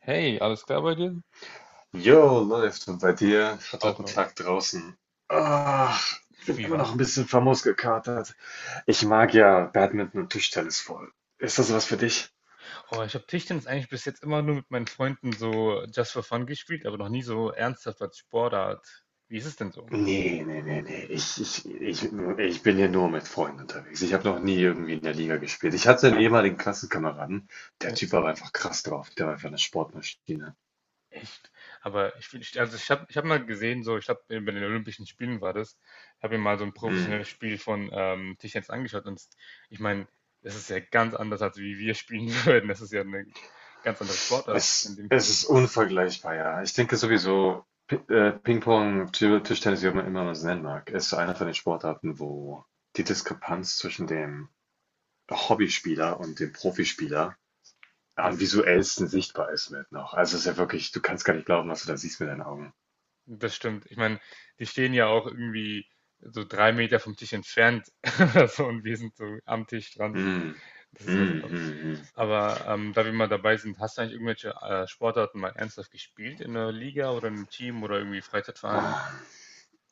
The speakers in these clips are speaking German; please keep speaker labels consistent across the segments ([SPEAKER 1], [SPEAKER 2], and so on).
[SPEAKER 1] Hey, alles klar bei dir?
[SPEAKER 2] Jo, läuft. Und bei dir? Ich hatte heute
[SPEAKER 1] Auch
[SPEAKER 2] einen
[SPEAKER 1] raus.
[SPEAKER 2] Tag draußen. Ach, bin
[SPEAKER 1] Wie
[SPEAKER 2] immer noch ein
[SPEAKER 1] war's?
[SPEAKER 2] bisschen famos gekatert. Ich mag
[SPEAKER 1] Oh,
[SPEAKER 2] ja Badminton und Tischtennis voll. Ist das was für dich?
[SPEAKER 1] oh, ich habe Tischtennis eigentlich bis jetzt immer nur mit meinen Freunden so just for fun gespielt, aber noch nie so ernsthaft als Sportart. Wie ist es denn so?
[SPEAKER 2] Nee, nee, nee, nee. Ich bin hier nur mit Freunden unterwegs. Ich habe noch nie irgendwie in der Liga gespielt. Ich hatte einen
[SPEAKER 1] Ah,
[SPEAKER 2] ehemaligen Klassenkameraden. Der
[SPEAKER 1] ja.
[SPEAKER 2] Typ war aber einfach krass drauf. Der war einfach eine Sportmaschine.
[SPEAKER 1] Echt? Also ich hab mal gesehen, so ich habe bei den Olympischen Spielen war das, habe mir mal so ein
[SPEAKER 2] Hm.
[SPEAKER 1] professionelles Spiel von Tischtennis angeschaut und ich meine, das ist ja ganz anders, als wie wir spielen würden. Das ist ja eine ganz andere Sportart in
[SPEAKER 2] Es,
[SPEAKER 1] dem.
[SPEAKER 2] es ist unvergleichbar, ja. Ich denke sowieso, Ping-Pong, Tischtennis, wie man immer man es nennen mag, ist einer von den Sportarten, wo die Diskrepanz zwischen dem Hobbyspieler und dem Profispieler
[SPEAKER 1] Ja.
[SPEAKER 2] am visuellsten sichtbar ist mit noch. Also es ist ja wirklich, du kannst gar nicht glauben, was du da siehst mit deinen Augen.
[SPEAKER 1] Das stimmt. Ich meine, die stehen ja auch irgendwie so drei Meter vom Tisch entfernt oder so und wir sind so am Tisch dran.
[SPEAKER 2] Mm.
[SPEAKER 1] Das
[SPEAKER 2] Mm,
[SPEAKER 1] ist krass.
[SPEAKER 2] mm,
[SPEAKER 1] Aber
[SPEAKER 2] mm.
[SPEAKER 1] aber ähm, da wir mal dabei sind, hast du eigentlich irgendwelche Sportarten mal ernsthaft gespielt in einer Liga oder in einem Team oder irgendwie Freizeitverein?
[SPEAKER 2] Ah.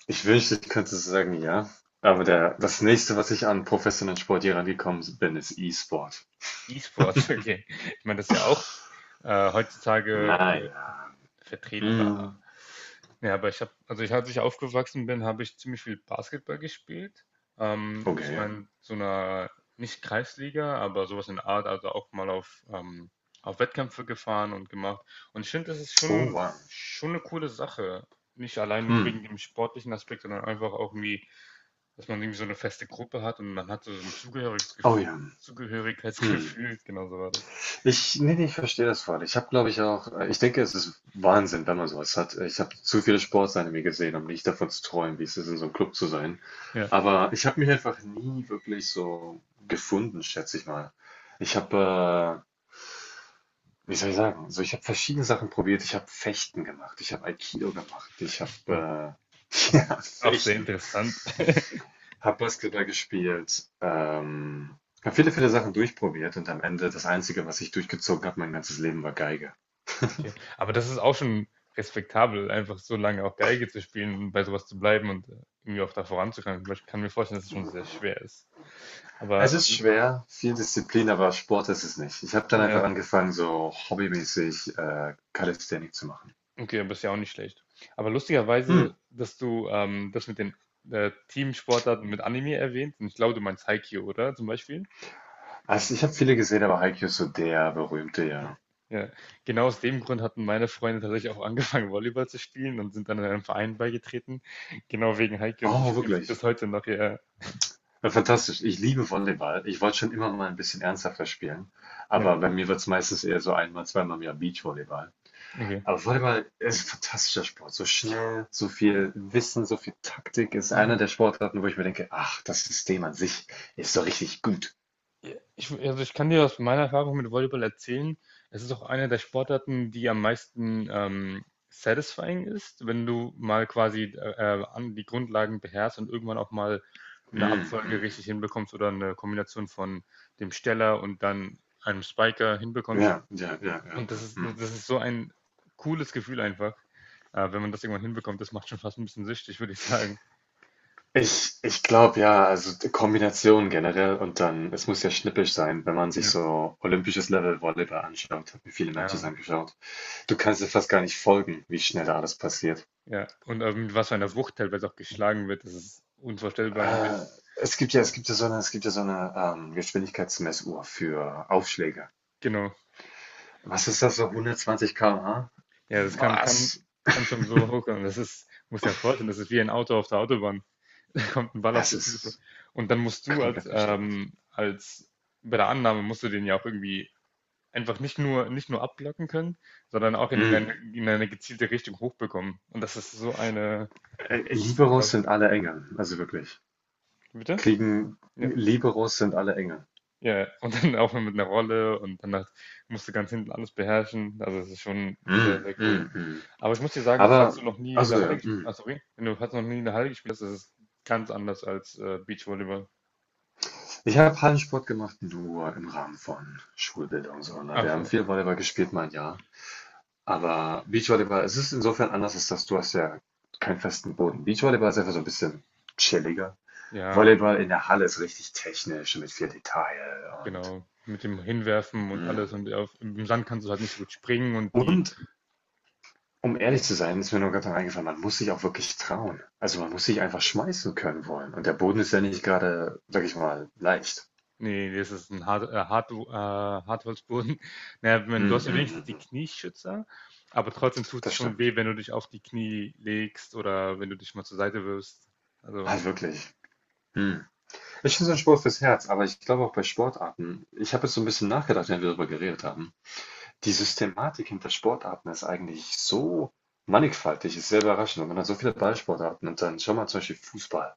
[SPEAKER 2] Ich wünschte, ich könnte so sagen, ja. Aber das nächste, was ich an professionellen Sport hier rangekommen bin, ist E-Sport.
[SPEAKER 1] E-Sports, okay. Ich meine, das ist ja auch heutzutage
[SPEAKER 2] Naja. Mm.
[SPEAKER 1] vertretbar. Ja, aber ich habe, also ich, als ich aufgewachsen bin, habe ich ziemlich viel Basketball gespielt. Zwar
[SPEAKER 2] Okay.
[SPEAKER 1] in so einer, nicht Kreisliga, aber sowas in der Art, also auch mal auf Wettkämpfe gefahren und gemacht. Und ich finde, das ist
[SPEAKER 2] Oh, wow.
[SPEAKER 1] schon eine coole Sache. Nicht allein nur
[SPEAKER 2] Mhm.
[SPEAKER 1] wegen dem sportlichen Aspekt, sondern einfach auch irgendwie, dass man irgendwie so eine feste Gruppe hat und man hat so ein
[SPEAKER 2] Oh ja. Mhm.
[SPEAKER 1] Zugehörigkeitsgefühl, genau so war das.
[SPEAKER 2] Ich Nee, ne, ich verstehe das voll. Ich habe, glaube ich, auch ich denke, es ist Wahnsinn, wenn man so hat. Ich habe zu viele Sportsanime gesehen, um nicht davon zu träumen, wie es ist, in so einem Club zu sein.
[SPEAKER 1] Ja.
[SPEAKER 2] Aber ich habe mich einfach nie wirklich so gefunden, schätze ich mal. Ich habe, wie soll ich sagen? So, ich habe verschiedene Sachen probiert. Ich habe Fechten gemacht, ich habe Aikido gemacht, ich
[SPEAKER 1] Fechten.
[SPEAKER 2] habe,
[SPEAKER 1] Auch,
[SPEAKER 2] ja,
[SPEAKER 1] auch sehr
[SPEAKER 2] Fechten.
[SPEAKER 1] interessant.
[SPEAKER 2] Habe Basketball gespielt, habe viele, viele Sachen durchprobiert und am Ende das Einzige, was ich durchgezogen habe, mein ganzes Leben, war Geige.
[SPEAKER 1] Okay. Aber das ist auch schon respektabel, einfach so lange auch Geige zu spielen und bei sowas zu bleiben und irgendwie auch da voranzukommen. Weil ich kann mir vorstellen, dass es schon sehr schwer ist.
[SPEAKER 2] Es
[SPEAKER 1] Aber
[SPEAKER 2] ist
[SPEAKER 1] äh,
[SPEAKER 2] schwer, viel Disziplin, aber Sport ist es nicht. Ich habe dann einfach
[SPEAKER 1] ja,
[SPEAKER 2] angefangen, so hobbymäßig Calisthenics zu machen.
[SPEAKER 1] okay, aber ist ja auch nicht schlecht. Aber
[SPEAKER 2] Hm.
[SPEAKER 1] lustigerweise, dass du das mit den Teamsportarten mit Anime erwähnt, und ich glaube, du meinst Haikyuu, oder? Zum Beispiel?
[SPEAKER 2] Also ich habe viele gesehen, aber Haikyuu ist so der berühmte,
[SPEAKER 1] Ja.
[SPEAKER 2] ja.
[SPEAKER 1] Ja. Genau aus dem Grund hatten meine Freunde tatsächlich auch angefangen, Volleyball zu spielen und sind dann in einem Verein beigetreten. Genau wegen Haikyuu und sie
[SPEAKER 2] Oh,
[SPEAKER 1] spielen es bis
[SPEAKER 2] wirklich.
[SPEAKER 1] heute noch. Ja,
[SPEAKER 2] Ja, fantastisch. Ich liebe Volleyball. Ich wollte schon immer mal ein bisschen ernsthafter spielen,
[SPEAKER 1] ja,
[SPEAKER 2] aber bei mir wird es meistens eher so einmal, zweimal im Jahr Beachvolleyball.
[SPEAKER 1] okay.
[SPEAKER 2] Aber Volleyball ist ein fantastischer Sport. So schnell, so viel
[SPEAKER 1] Ja,
[SPEAKER 2] Wissen, so viel Taktik ist einer
[SPEAKER 1] ja.
[SPEAKER 2] der Sportarten, wo ich mir denke, ach, das System an sich ist so richtig gut.
[SPEAKER 1] Ja, ich, also ich kann dir aus meiner Erfahrung mit Volleyball erzählen, es ist auch eine der Sportarten, die am meisten satisfying ist, wenn du mal quasi an die Grundlagen beherrschst und irgendwann auch mal eine Abfolge
[SPEAKER 2] Mhm.
[SPEAKER 1] richtig hinbekommst oder eine Kombination von dem Steller und dann einem Spiker hinbekommst.
[SPEAKER 2] Ja, ja, ja, ja,
[SPEAKER 1] Und das
[SPEAKER 2] ja.
[SPEAKER 1] ist, das
[SPEAKER 2] Mhm.
[SPEAKER 1] ist so ein cooles Gefühl einfach, wenn man das irgendwann hinbekommt. Das macht schon fast ein bisschen süchtig, würde ich sagen.
[SPEAKER 2] Ich glaube ja, also die Kombination generell und dann, es muss ja schnippisch sein, wenn man sich
[SPEAKER 1] Ja,
[SPEAKER 2] so olympisches Level Volleyball anschaut, habe mir viele Matches
[SPEAKER 1] ja,
[SPEAKER 2] angeschaut. Du kannst dir fast gar nicht folgen, wie schnell da alles passiert.
[SPEAKER 1] ja. Und mit was für einer Wucht teilweise auch geschlagen wird, das ist unvorstellbar
[SPEAKER 2] Äh,
[SPEAKER 1] eigentlich.
[SPEAKER 2] es gibt ja so eine Geschwindigkeitsmessuhr für Aufschläge.
[SPEAKER 1] Genau.
[SPEAKER 2] Was ist das, so 120
[SPEAKER 1] Ja, das
[SPEAKER 2] km/h?
[SPEAKER 1] kann
[SPEAKER 2] Was?
[SPEAKER 1] kann schon so hochkommen. Das ist muss ja vorstellen, das ist wie ein Auto auf der Autobahn. Da kommt ein Ball auf
[SPEAKER 2] Das
[SPEAKER 1] dich zugeflogen.
[SPEAKER 2] ist
[SPEAKER 1] Und dann musst du als,
[SPEAKER 2] komplett gestört.
[SPEAKER 1] als bei der Annahme musst du den ja auch irgendwie einfach nicht nur abblocken können, sondern auch in eine
[SPEAKER 2] Mhm.
[SPEAKER 1] in eine gezielte Richtung hochbekommen. Und das ist so eine das ist so
[SPEAKER 2] Liberos
[SPEAKER 1] krass.
[SPEAKER 2] sind alle Engel, also wirklich.
[SPEAKER 1] Bitte?
[SPEAKER 2] Kriegen.
[SPEAKER 1] Ja,
[SPEAKER 2] Liberos sind alle Engel.
[SPEAKER 1] ja, ja. Und dann auch mit einer Rolle und dann halt musst du ganz hinten alles beherrschen. Also, es ist schon sehr,
[SPEAKER 2] Mhm,
[SPEAKER 1] sehr cool.
[SPEAKER 2] mhm, mhm.
[SPEAKER 1] Aber ich muss dir sagen, falls
[SPEAKER 2] Aber,
[SPEAKER 1] du noch nie in
[SPEAKER 2] also
[SPEAKER 1] der Halle
[SPEAKER 2] ja,
[SPEAKER 1] gespielt
[SPEAKER 2] mhm.
[SPEAKER 1] hast, sorry, wenn du falls du noch nie in der Halle gespielt hast, ist es ganz anders als Beachvolleyball.
[SPEAKER 2] Ich habe Hallensport gemacht, nur im Rahmen von Schulbildung. So, ne?
[SPEAKER 1] Ach
[SPEAKER 2] Wir haben
[SPEAKER 1] so,
[SPEAKER 2] viel Volleyball gespielt, mein Jahr. Aber Beachvolleyball, es ist insofern anders, als dass du hast ja keinen festen Boden. Beachvolleyball ist einfach so ein bisschen chilliger.
[SPEAKER 1] ja,
[SPEAKER 2] Volleyball in der Halle ist richtig technisch mit viel Detail und
[SPEAKER 1] genau. Mit dem Hinwerfen und alles.
[SPEAKER 2] Mhm.
[SPEAKER 1] Und auf, im Sand kannst du halt nicht so gut springen und die,
[SPEAKER 2] und um ehrlich
[SPEAKER 1] genau.
[SPEAKER 2] zu sein, ist mir nur gerade eingefallen, man muss sich auch wirklich trauen. Also man muss sich einfach schmeißen können wollen. Und der Boden ist ja nicht gerade, sag ich mal, leicht.
[SPEAKER 1] Nee, das ist ein Hartholzboden. Naja, wenn,
[SPEAKER 2] Hm,
[SPEAKER 1] du hast ja
[SPEAKER 2] hm, hm,
[SPEAKER 1] wenigstens die
[SPEAKER 2] hm.
[SPEAKER 1] Knieschützer, aber trotzdem tut es
[SPEAKER 2] Das
[SPEAKER 1] schon
[SPEAKER 2] stimmt.
[SPEAKER 1] weh, wenn du dich auf die Knie legst oder wenn du dich mal zur Seite wirfst. Also,
[SPEAKER 2] Also wirklich. Hm. Ich finde, so ein Sport fürs Herz, aber ich glaube auch bei Sportarten, ich habe jetzt so ein bisschen nachgedacht, wenn wir darüber geredet haben. Die Systematik hinter Sportarten ist eigentlich so mannigfaltig, ist sehr überraschend. Und man hat so viele Ballsportarten und dann schau mal zum Beispiel Fußball.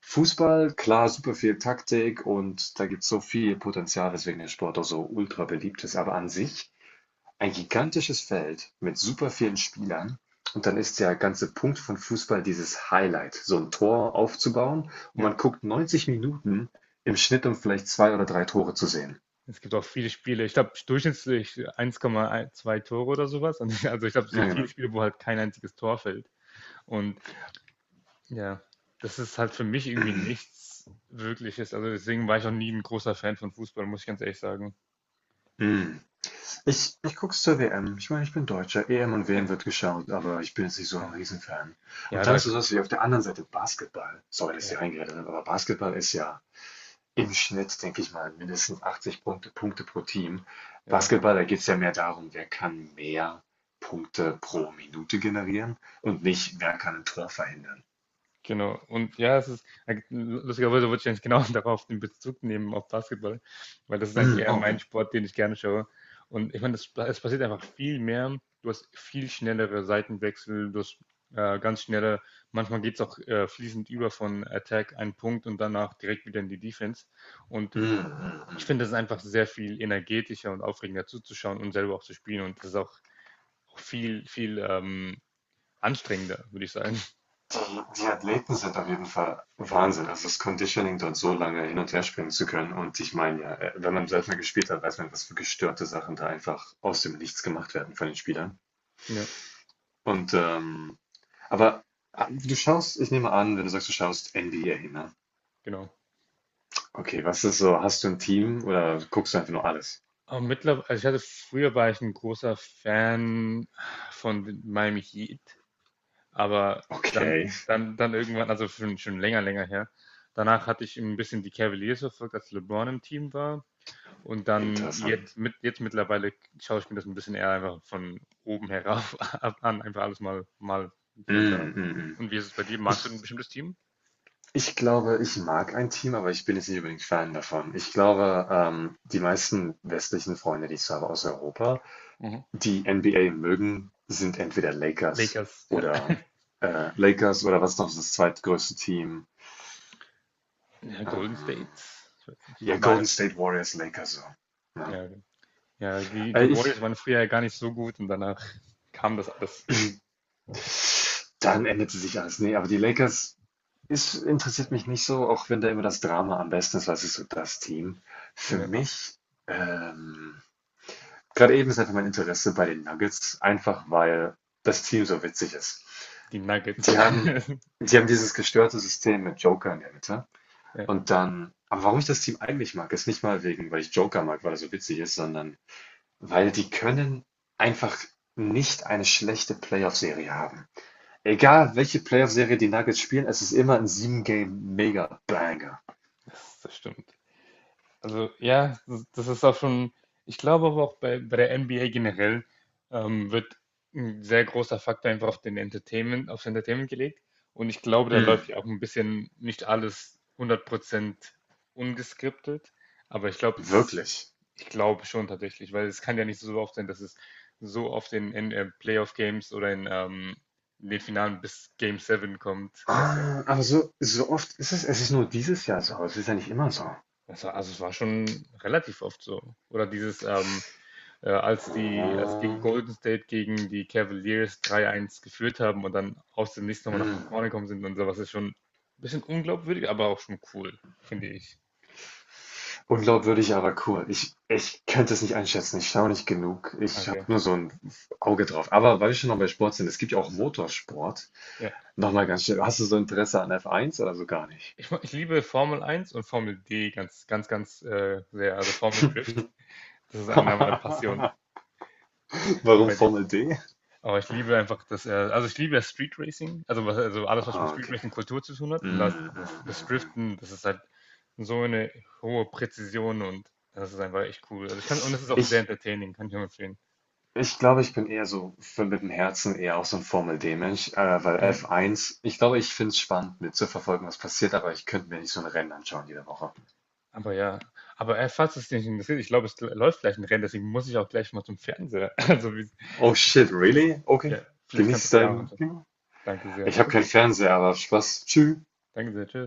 [SPEAKER 2] Fußball, klar, super viel Taktik und da gibt es so viel Potenzial, weswegen der Sport auch so ultra beliebt ist. Aber an sich ein gigantisches Feld mit super vielen Spielern. Und dann ist der ganze Punkt von Fußball dieses Highlight, so ein Tor aufzubauen. Und
[SPEAKER 1] ja.
[SPEAKER 2] man guckt 90 Minuten im Schnitt, um vielleicht zwei oder drei Tore zu sehen.
[SPEAKER 1] Es gibt auch viele Spiele. Ich glaube, durchschnittlich 1,2 Tore oder sowas. Und also ich glaube, es
[SPEAKER 2] Ja,
[SPEAKER 1] gibt viele
[SPEAKER 2] genau.
[SPEAKER 1] Spiele, wo halt kein einziges Tor fällt. Und ja, das ist halt für mich irgendwie nichts Wirkliches. Also deswegen war ich auch nie ein großer Fan von Fußball, muss ich ganz ehrlich sagen.
[SPEAKER 2] Mm. Ich guck's zur WM. Ich meine, ich bin Deutscher. EM und
[SPEAKER 1] Ja.
[SPEAKER 2] WM wird geschaut, aber ich bin jetzt nicht so ein
[SPEAKER 1] Ja,
[SPEAKER 2] Riesenfan.
[SPEAKER 1] ja,
[SPEAKER 2] Und dann
[SPEAKER 1] da,
[SPEAKER 2] ist es so, dass ich auf der anderen Seite Basketball, sorry, dass
[SPEAKER 1] ja.
[SPEAKER 2] ich reingeredet habe, aber Basketball ist ja im Schnitt, denke ich mal, mindestens 80 Punkte pro Team.
[SPEAKER 1] ja.
[SPEAKER 2] Basketball, da geht's ja mehr darum, wer kann mehr Punkte pro Minute generieren und nicht, wer kann ein Tor verhindern.
[SPEAKER 1] Genau. Und ja, es ist, lustigerweise wollte ich eigentlich genau darauf den Bezug nehmen, auf Basketball, weil das ist eigentlich
[SPEAKER 2] Mm,
[SPEAKER 1] eher
[SPEAKER 2] oh,
[SPEAKER 1] mein
[SPEAKER 2] okay.
[SPEAKER 1] Sport, den ich gerne schaue. Und ich meine, das es passiert einfach viel mehr. Du hast viel schnellere Seitenwechsel, du hast äh, ganz schnelle, manchmal geht es auch fließend über von Attack einen Punkt und danach direkt wieder in die Defense. Und
[SPEAKER 2] Mm,
[SPEAKER 1] ich
[SPEAKER 2] mm.
[SPEAKER 1] finde, das ist einfach sehr viel energetischer und aufregender zuzuschauen und selber auch zu spielen. Und das ist auch viel, viel anstrengender, würde ich sagen.
[SPEAKER 2] Die Athleten sind auf jeden Fall Wahnsinn. Also das Conditioning, dort so lange hin und her springen zu können. Und ich meine ja, wenn man selbst mal gespielt hat, weiß man, was für gestörte Sachen da einfach aus dem Nichts gemacht werden von den Spielern.
[SPEAKER 1] Ja,
[SPEAKER 2] Und aber du schaust, ich nehme an, wenn du sagst, du schaust NBA, ne?
[SPEAKER 1] genau.
[SPEAKER 2] Okay, was ist so? Hast du ein Team oder guckst du einfach nur alles?
[SPEAKER 1] Mittler Also ich hatte früher war ich ein großer Fan von den Miami Heat, aber dann
[SPEAKER 2] Okay,
[SPEAKER 1] dann dann irgendwann, also schon länger, länger her. Danach hatte ich ein bisschen die Cavaliers verfolgt, als LeBron im Team war und dann jetzt
[SPEAKER 2] interessant.
[SPEAKER 1] mit jetzt mittlerweile schaue ich mir das ein bisschen eher einfach von oben herauf ab an, einfach alles mal hier und da.
[SPEAKER 2] Mm, mm, mm.
[SPEAKER 1] Und wie ist es bei dir? Magst du ein bestimmtes Team?
[SPEAKER 2] Ich glaube, ich mag ein Team, aber ich bin jetzt nicht unbedingt Fan davon. Ich glaube, die meisten westlichen Freunde, die ich so habe aus Europa,
[SPEAKER 1] Mhm.
[SPEAKER 2] die NBA mögen, sind entweder Lakers
[SPEAKER 1] Lakers, ja.
[SPEAKER 2] oder Lakers oder was noch ist das zweitgrößte Team?
[SPEAKER 1] Ja, Golden State?
[SPEAKER 2] Ähm,
[SPEAKER 1] Ich weiß nicht.
[SPEAKER 2] ja,
[SPEAKER 1] War ja
[SPEAKER 2] Golden State Warriors, Lakers so. Ja.
[SPEAKER 1] Ja, genau. Ja, die,
[SPEAKER 2] Äh,
[SPEAKER 1] die Warriors
[SPEAKER 2] ich,
[SPEAKER 1] waren früher ja gar nicht so gut und danach kam das alles.
[SPEAKER 2] dann änderte sich alles. Nee, aber die Lakers ist, interessiert mich nicht so, auch wenn da immer das Drama am besten ist, was ist so das Team. Für
[SPEAKER 1] Ja,
[SPEAKER 2] mich, ähm, gerade eben ist einfach mein Interesse bei den Nuggets, einfach weil das Team so witzig ist.
[SPEAKER 1] die Nuggets.
[SPEAKER 2] Die haben, die haben dieses gestörte System mit Joker in der Mitte.
[SPEAKER 1] Ja,
[SPEAKER 2] Und dann, aber warum ich das Team eigentlich mag, ist nicht mal wegen, weil ich Joker mag, weil er so witzig ist, sondern weil die können einfach nicht eine schlechte Playoff-Serie haben. Egal, welche Playoff-Serie die Nuggets spielen, es ist immer ein 7-Game-Mega-Banger.
[SPEAKER 1] das stimmt. Also ja, das das ist auch schon, ich glaube aber auch bei der NBA generell wird ein sehr großer Faktor einfach auf den Entertainment, aufs Entertainment gelegt. Und ich glaube, da läuft
[SPEAKER 2] Mm,
[SPEAKER 1] ja auch ein bisschen nicht alles hundert Prozent ungeskriptet. Aber
[SPEAKER 2] wirklich.
[SPEAKER 1] ich glaube schon tatsächlich, weil es kann ja nicht so oft sein, dass es so oft in Playoff-Games oder in den Finalen bis Game 7 kommt, weißt du?
[SPEAKER 2] Ah, aber so, oft ist es, ist nur dieses Jahr so, es ist ja nicht immer so.
[SPEAKER 1] Also es war schon relativ oft so. Oder als gegen
[SPEAKER 2] Ah.
[SPEAKER 1] Golden State gegen die Cavaliers 3-1 geführt haben und dann aus dem nächsten nochmal nach
[SPEAKER 2] Hm.
[SPEAKER 1] vorne gekommen sind und sowas ist schon ein bisschen unglaubwürdig, aber auch schon cool, finde ich.
[SPEAKER 2] Unglaubwürdig, aber cool. Ich könnte es nicht einschätzen. Ich schaue nicht genug. Ich habe
[SPEAKER 1] Okay.
[SPEAKER 2] nur so ein Auge drauf. Aber weil wir schon noch bei Sport sind, es gibt ja auch Motorsport.
[SPEAKER 1] Ja.
[SPEAKER 2] Nochmal ganz schnell. Hast du so Interesse an F1 oder so gar nicht?
[SPEAKER 1] Ich liebe Formel 1 und Formel D ganz, ganz, ganz sehr. Also Formel Drift, das ist einer meiner Passionen. Und
[SPEAKER 2] Warum
[SPEAKER 1] bei dir?
[SPEAKER 2] Formel D?
[SPEAKER 1] Aber ich liebe einfach, dass er, also ich liebe das Street Racing, also, was, also alles, was mit
[SPEAKER 2] Ah,
[SPEAKER 1] Street
[SPEAKER 2] okay.
[SPEAKER 1] Racing Kultur zu tun hat. Und
[SPEAKER 2] Mm, mm,
[SPEAKER 1] das
[SPEAKER 2] mm, mm.
[SPEAKER 1] Driften, das ist halt so eine hohe Präzision und das ist einfach echt cool. Also ich kann, und es ist auch sehr
[SPEAKER 2] Ich,
[SPEAKER 1] entertaining, kann ich nur empfehlen.
[SPEAKER 2] ich glaube, ich bin eher so für, mit dem Herzen eher auch so ein Formel D-Mensch, weil
[SPEAKER 1] Mhm.
[SPEAKER 2] F1, ich glaube, ich finde es spannend mitzuverfolgen, was passiert, aber ich könnte mir nicht so ein Rennen anschauen jede Woche.
[SPEAKER 1] Aber ja, aber falls es dich interessiert, ich glaube, es läuft gleich ein Rennen, deswegen muss ich auch gleich mal zum Fernseher.
[SPEAKER 2] Oh shit,
[SPEAKER 1] Vielleicht,
[SPEAKER 2] really? Okay.
[SPEAKER 1] ja, vielleicht kannst
[SPEAKER 2] Genieß
[SPEAKER 1] du es ja auch
[SPEAKER 2] dein
[SPEAKER 1] anschauen.
[SPEAKER 2] Ding.
[SPEAKER 1] Danke sehr.
[SPEAKER 2] Ich habe keinen
[SPEAKER 1] Okay,
[SPEAKER 2] Fernseher, aber Spaß. Tschüss.
[SPEAKER 1] danke sehr, tschüss.